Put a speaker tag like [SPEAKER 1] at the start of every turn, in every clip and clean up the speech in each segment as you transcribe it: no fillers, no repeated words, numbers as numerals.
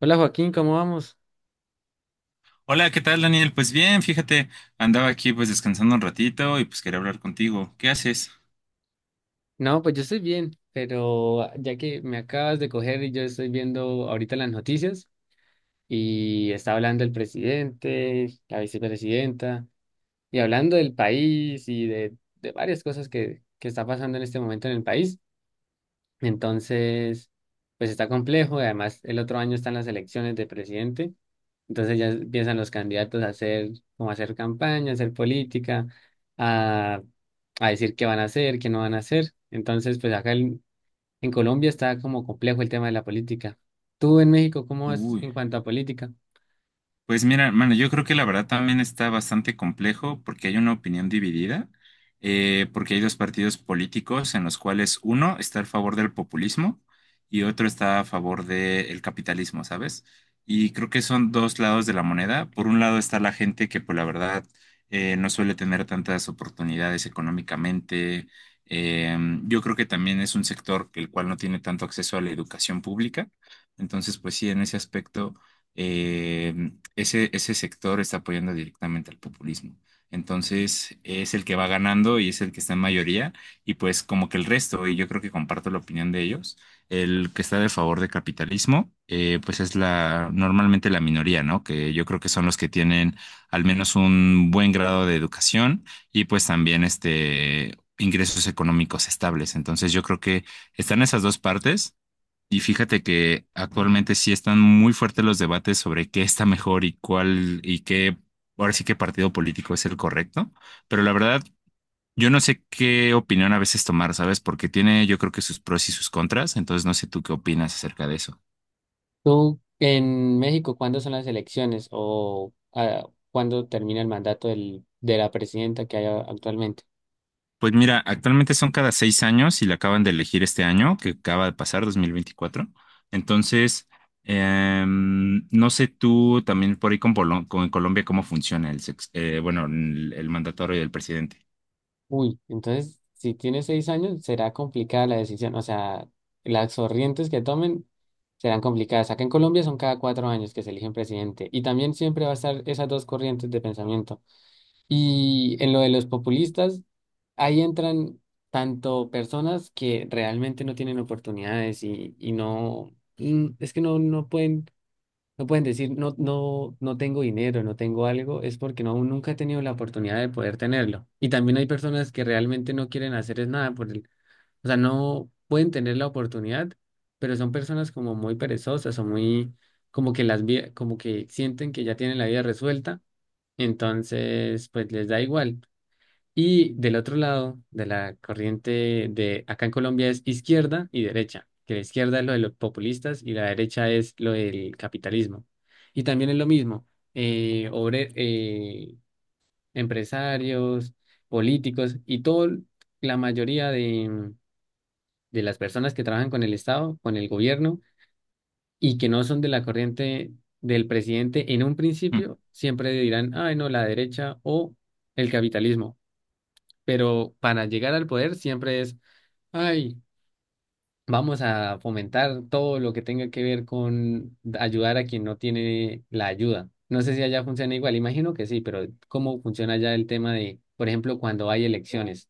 [SPEAKER 1] Hola Joaquín, ¿cómo vamos?
[SPEAKER 2] Hola, ¿qué tal, Daniel? Pues bien, fíjate, andaba aquí pues descansando un ratito y pues quería hablar contigo. ¿Qué haces?
[SPEAKER 1] No, pues yo estoy bien, pero ya que me acabas de coger y yo estoy viendo ahorita las noticias y está hablando el presidente, la vicepresidenta y hablando del país y de varias cosas que está pasando en este momento en el país. Entonces, pues está complejo y además el otro año están las elecciones de presidente. Entonces ya empiezan los candidatos a hacer, como a hacer campaña, a hacer política, a, a decir qué van a hacer, qué no van a hacer. Entonces, pues acá en Colombia está como complejo el tema de la política. ¿Tú en México cómo vas
[SPEAKER 2] Uy.
[SPEAKER 1] en cuanto a política?
[SPEAKER 2] Pues mira, hermano, yo creo que la verdad también está bastante complejo porque hay una opinión dividida, porque hay dos partidos políticos en los cuales uno está a favor del populismo y otro está a favor del capitalismo, ¿sabes? Y creo que son dos lados de la moneda. Por un lado está la gente que, pues la verdad, no suele tener tantas oportunidades económicamente. Yo creo que también es un sector que el cual no tiene tanto acceso a la educación pública. Entonces, pues sí, en ese aspecto. eh, ese sector está apoyando directamente al populismo. Entonces es el que va ganando y es el que está en mayoría, y pues como que el resto, y yo creo que comparto la opinión de ellos, el que está de favor del capitalismo, pues es la normalmente la minoría, ¿no? Que yo creo que son los que tienen al menos un buen grado de educación y pues también ingresos económicos estables. Entonces yo creo que están esas dos partes. Y fíjate que actualmente sí están muy fuertes los debates sobre qué está mejor y cuál y qué, ahora sí qué partido político es el correcto, pero la verdad yo no sé qué opinión a veces tomar, ¿sabes? Porque tiene yo creo que sus pros y sus contras, entonces no sé tú qué opinas acerca de eso.
[SPEAKER 1] ¿Tú en México cuándo son las elecciones o cuándo termina el mandato de la presidenta que hay actualmente?
[SPEAKER 2] Pues mira, actualmente son cada 6 años y la acaban de elegir este año, que acaba de pasar, 2024, Entonces, no sé tú también por ahí con Colombia cómo funciona el, sex- bueno, el mandatorio del presidente.
[SPEAKER 1] Uy, entonces, si tiene 6 años, será complicada la decisión. O sea, las corrientes que tomen serán complicadas. Acá en Colombia son cada 4 años que se eligen presidente. Y también siempre va a estar esas dos corrientes de pensamiento. Y en lo de los populistas, ahí entran tanto personas que realmente no tienen oportunidades y no, es que no pueden. No pueden decir, no, no, no tengo dinero, no tengo algo, es porque no, aún nunca he tenido la oportunidad de poder tenerlo. Y también hay personas que realmente no quieren hacer es nada por el, o sea, no pueden tener la oportunidad, pero son personas como muy perezosas o muy, como que como que sienten que ya tienen la vida resuelta, entonces pues les da igual. Y del otro lado de la corriente de acá en Colombia es izquierda y derecha, que la izquierda es lo de los populistas y la derecha es lo del capitalismo. Y también es lo mismo, eh, obre- eh, empresarios, políticos y todo, la mayoría de las personas que trabajan con el Estado, con el gobierno y que no son de la corriente del presidente en un
[SPEAKER 2] Mm.
[SPEAKER 1] principio, siempre dirán, ay, no, la derecha o el capitalismo, pero para llegar al poder siempre es, ay, vamos a fomentar todo lo que tenga que ver con ayudar a quien no tiene la ayuda. No sé si allá funciona igual, imagino que sí, pero ¿cómo funciona allá el tema de, por ejemplo, cuando hay elecciones?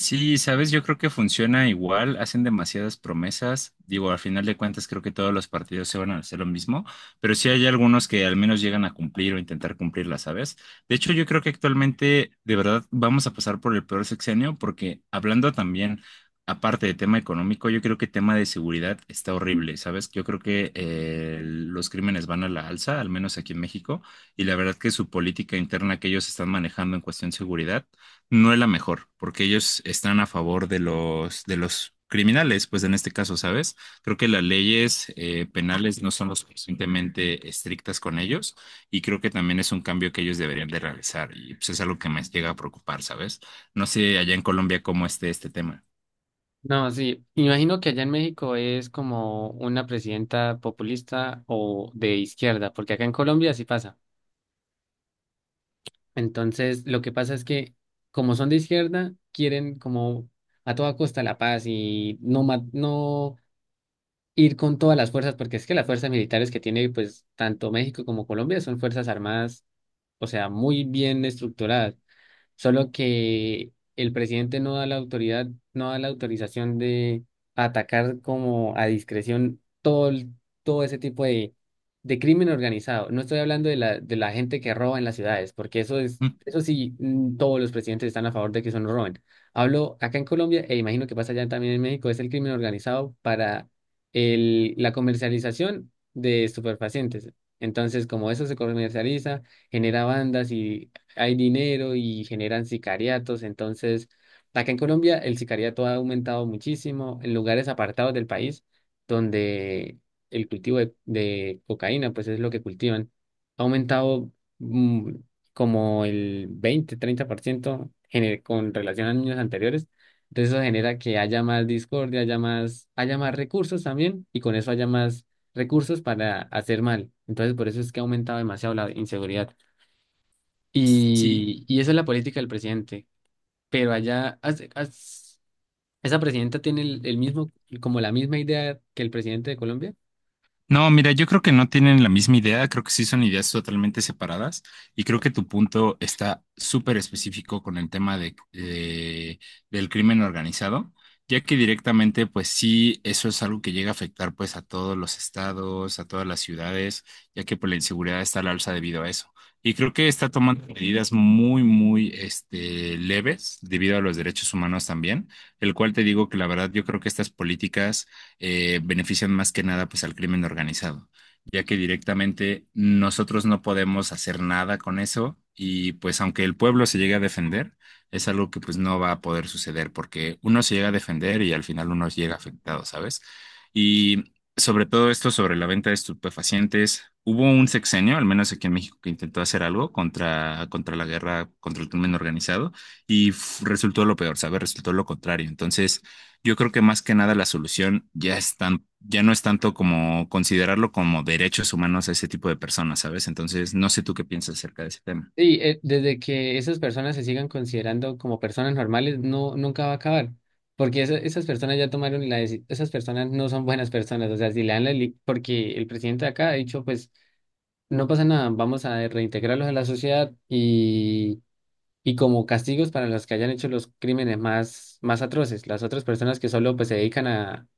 [SPEAKER 2] Sí, sabes, yo creo que funciona igual, hacen demasiadas promesas, digo, al final de cuentas creo que todos los partidos se van a hacer lo mismo, pero sí hay algunos que al menos llegan a cumplir o intentar cumplirlas, ¿sabes? De hecho, yo creo que actualmente de verdad vamos a pasar por el peor sexenio porque hablando también, aparte de tema económico, yo creo que tema de seguridad está horrible, ¿sabes? Yo creo que los crímenes van a la alza, al menos aquí en México, y la verdad que su política interna que ellos están manejando en cuestión seguridad no es la mejor, porque ellos están a favor de los criminales, pues en este caso, ¿sabes? Creo que las leyes penales no son lo suficientemente estrictas con ellos y creo que también es un cambio que ellos deberían de realizar, y pues es algo que me llega a preocupar, ¿sabes? No sé allá en Colombia cómo esté este tema.
[SPEAKER 1] No, sí, imagino que allá en México es como una presidenta populista o de izquierda, porque acá en Colombia sí pasa. Entonces, lo que pasa es que como son de izquierda, quieren como a toda costa la paz y no ir con todas las fuerzas, porque es que las fuerzas militares que tiene pues tanto México como Colombia son fuerzas armadas, o sea, muy bien estructuradas, solo que el presidente no da la autoridad, no da la autorización de atacar como a discreción todo, todo ese tipo de crimen organizado. No estoy hablando de la gente que roba en las ciudades, porque eso es,
[SPEAKER 2] Mm.
[SPEAKER 1] eso sí, todos los presidentes están a favor de que eso no roben. Hablo acá en Colombia, e imagino que pasa allá también en México, es el crimen organizado para la comercialización de estupefacientes. Entonces, como eso se comercializa, genera bandas y hay dinero y generan sicariatos. Entonces, acá en Colombia el sicariato ha aumentado muchísimo en lugares apartados del país donde el cultivo de cocaína, pues es lo que cultivan, ha aumentado mm, como el 20, 30% con relación a años anteriores. Entonces eso genera que haya más discordia, haya más recursos también y con eso haya más recursos para hacer mal. Entonces por eso es que ha aumentado demasiado la inseguridad.
[SPEAKER 2] Sí.
[SPEAKER 1] Y esa es la política del presidente. Pero allá, esa presidenta tiene el mismo, como la misma idea que el presidente de Colombia.
[SPEAKER 2] No, mira, yo creo que no tienen la misma idea, creo que sí son ideas totalmente separadas y creo que tu punto está súper específico con el tema del crimen organizado, ya que directamente pues sí, eso es algo que llega a afectar pues a todos los estados, a todas las ciudades, ya que pues la inseguridad está al alza debido a eso. Y creo que está tomando medidas muy, muy leves debido a los derechos humanos también, el cual te digo que la verdad yo creo que estas políticas benefician más que nada pues al crimen organizado, ya que directamente nosotros no podemos hacer nada con eso, y pues aunque el pueblo se llegue a defender, es algo que pues no va a poder suceder porque uno se llega a defender y al final uno llega afectado, ¿sabes? Y sobre todo esto sobre la venta de estupefacientes, hubo un sexenio, al menos aquí en México, que intentó hacer algo contra, contra la guerra, contra el crimen organizado, resultó lo peor, ¿sabes? Resultó lo contrario. Entonces, yo creo que más que nada la solución ya no es tanto como considerarlo como derechos humanos a ese tipo de personas, ¿sabes? Entonces, no sé tú qué piensas acerca de ese tema.
[SPEAKER 1] Y desde que esas personas se sigan considerando como personas normales, no, nunca va a acabar. Porque esas personas ya tomaron la decisión, esas personas no son buenas personas. O sea, si le dan la, porque el presidente de acá ha dicho, pues, no pasa nada, vamos a reintegrarlos a la sociedad y como castigos para los que hayan hecho los crímenes más atroces. Las otras personas que solo pues se dedican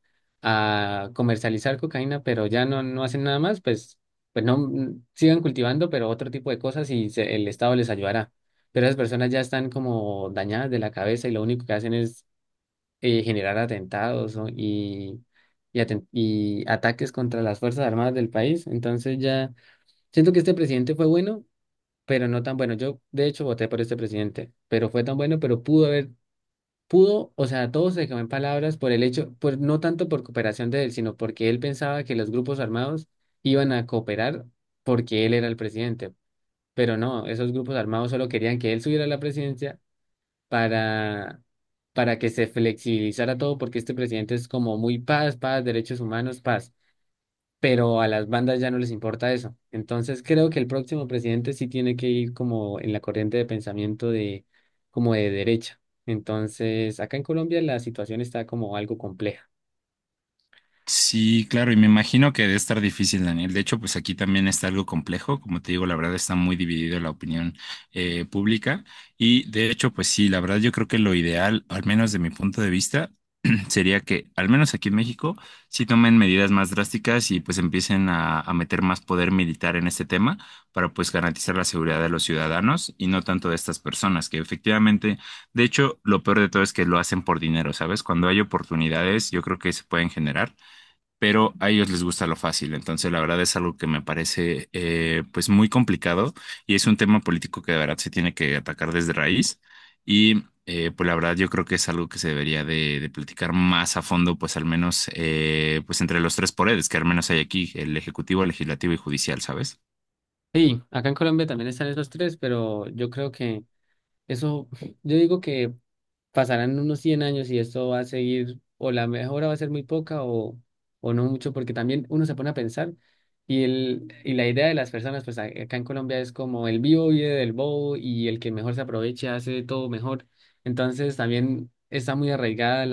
[SPEAKER 1] a comercializar cocaína, pero ya no, no hacen nada más, pues, pues no sigan cultivando, pero otro tipo de cosas y el Estado les ayudará. Pero esas personas ya están como dañadas de la cabeza y lo único que hacen es generar atentados, ¿no? Y y ataques contra las Fuerzas Armadas del país. Entonces ya siento que este presidente fue bueno pero no tan bueno. Yo, de hecho, voté por este presidente, pero fue tan bueno, pero o sea, todo se quedó en palabras por el hecho, pues no tanto por cooperación de él, sino porque él pensaba que los grupos armados iban a cooperar porque él era el presidente. Pero no, esos grupos armados solo querían que él subiera a la presidencia para, para que se flexibilizara todo, porque este presidente es como muy paz, paz, derechos humanos, paz, pero a las bandas ya no les importa eso. Entonces creo que el próximo presidente sí tiene que ir como en la corriente de pensamiento de como de derecha. Entonces, acá en Colombia la situación está como algo compleja.
[SPEAKER 2] Sí, claro, y me imagino que debe estar difícil, Daniel. De hecho, pues aquí también está algo complejo. Como te digo, la verdad está muy dividido la opinión pública. Y de hecho, pues sí, la verdad yo creo que lo ideal, al menos de mi punto de vista, sería que, al menos aquí en México, sí tomen medidas más drásticas y pues empiecen a meter más poder militar en este tema para pues garantizar la seguridad de los ciudadanos y no tanto de estas personas que efectivamente. De hecho, lo peor de todo es que lo hacen por dinero, ¿sabes? Cuando hay oportunidades, yo creo que se pueden generar, pero a ellos les gusta lo fácil. Entonces, la verdad es algo que me parece pues muy complicado, y es un tema político que de verdad se tiene que atacar desde raíz. Y pues la verdad yo creo que es algo que se debería de platicar más a fondo, pues al menos pues entre los tres poderes que al menos hay aquí, el ejecutivo, el legislativo y judicial, ¿sabes?
[SPEAKER 1] Sí, acá en Colombia también están esos tres, pero yo creo que eso, yo digo que pasarán unos 100 años y esto va a seguir, o la mejora va a ser muy poca o no mucho, porque también uno se pone a pensar y, el, y la idea de las personas, pues acá en Colombia es como el vivo vive del bobo y el que mejor se aproveche hace todo mejor. Entonces también está muy arraigada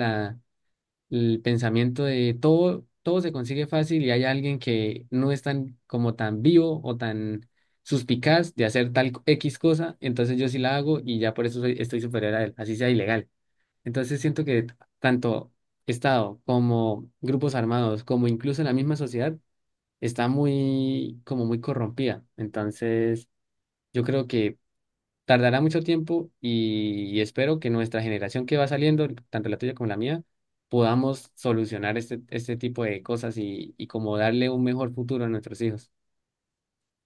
[SPEAKER 1] el pensamiento de todo, todo se consigue fácil y hay alguien que no es tan como tan vivo o tan suspicaz de hacer tal X cosa, entonces yo sí la hago y ya por eso estoy superior a él, así sea ilegal. Entonces siento que tanto Estado como grupos armados, como incluso la misma sociedad, está muy, como muy corrompida. Entonces yo creo que tardará mucho tiempo y espero que nuestra generación que va saliendo, tanto la tuya como la mía, podamos solucionar este tipo de cosas y como darle un mejor futuro a nuestros hijos.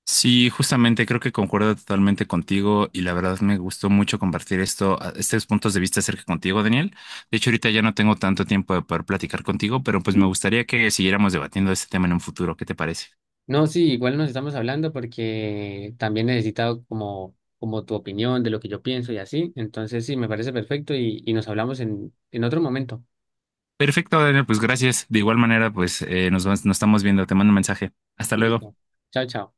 [SPEAKER 2] Sí, justamente creo que concuerdo totalmente contigo, y la verdad me gustó mucho compartir estos puntos de vista acerca contigo, Daniel. De hecho, ahorita ya no tengo tanto tiempo de poder platicar contigo, pero pues me gustaría que siguiéramos debatiendo este tema en un futuro. ¿Qué te parece?
[SPEAKER 1] No, sí, igual nos estamos hablando porque también necesitado como, como tu opinión de lo que yo pienso y así. Entonces, sí, me parece perfecto y nos hablamos en otro momento.
[SPEAKER 2] Perfecto, Daniel, pues gracias. De igual manera, pues nos estamos viendo. Te mando un mensaje. Hasta luego.
[SPEAKER 1] Listo. Chao, chao.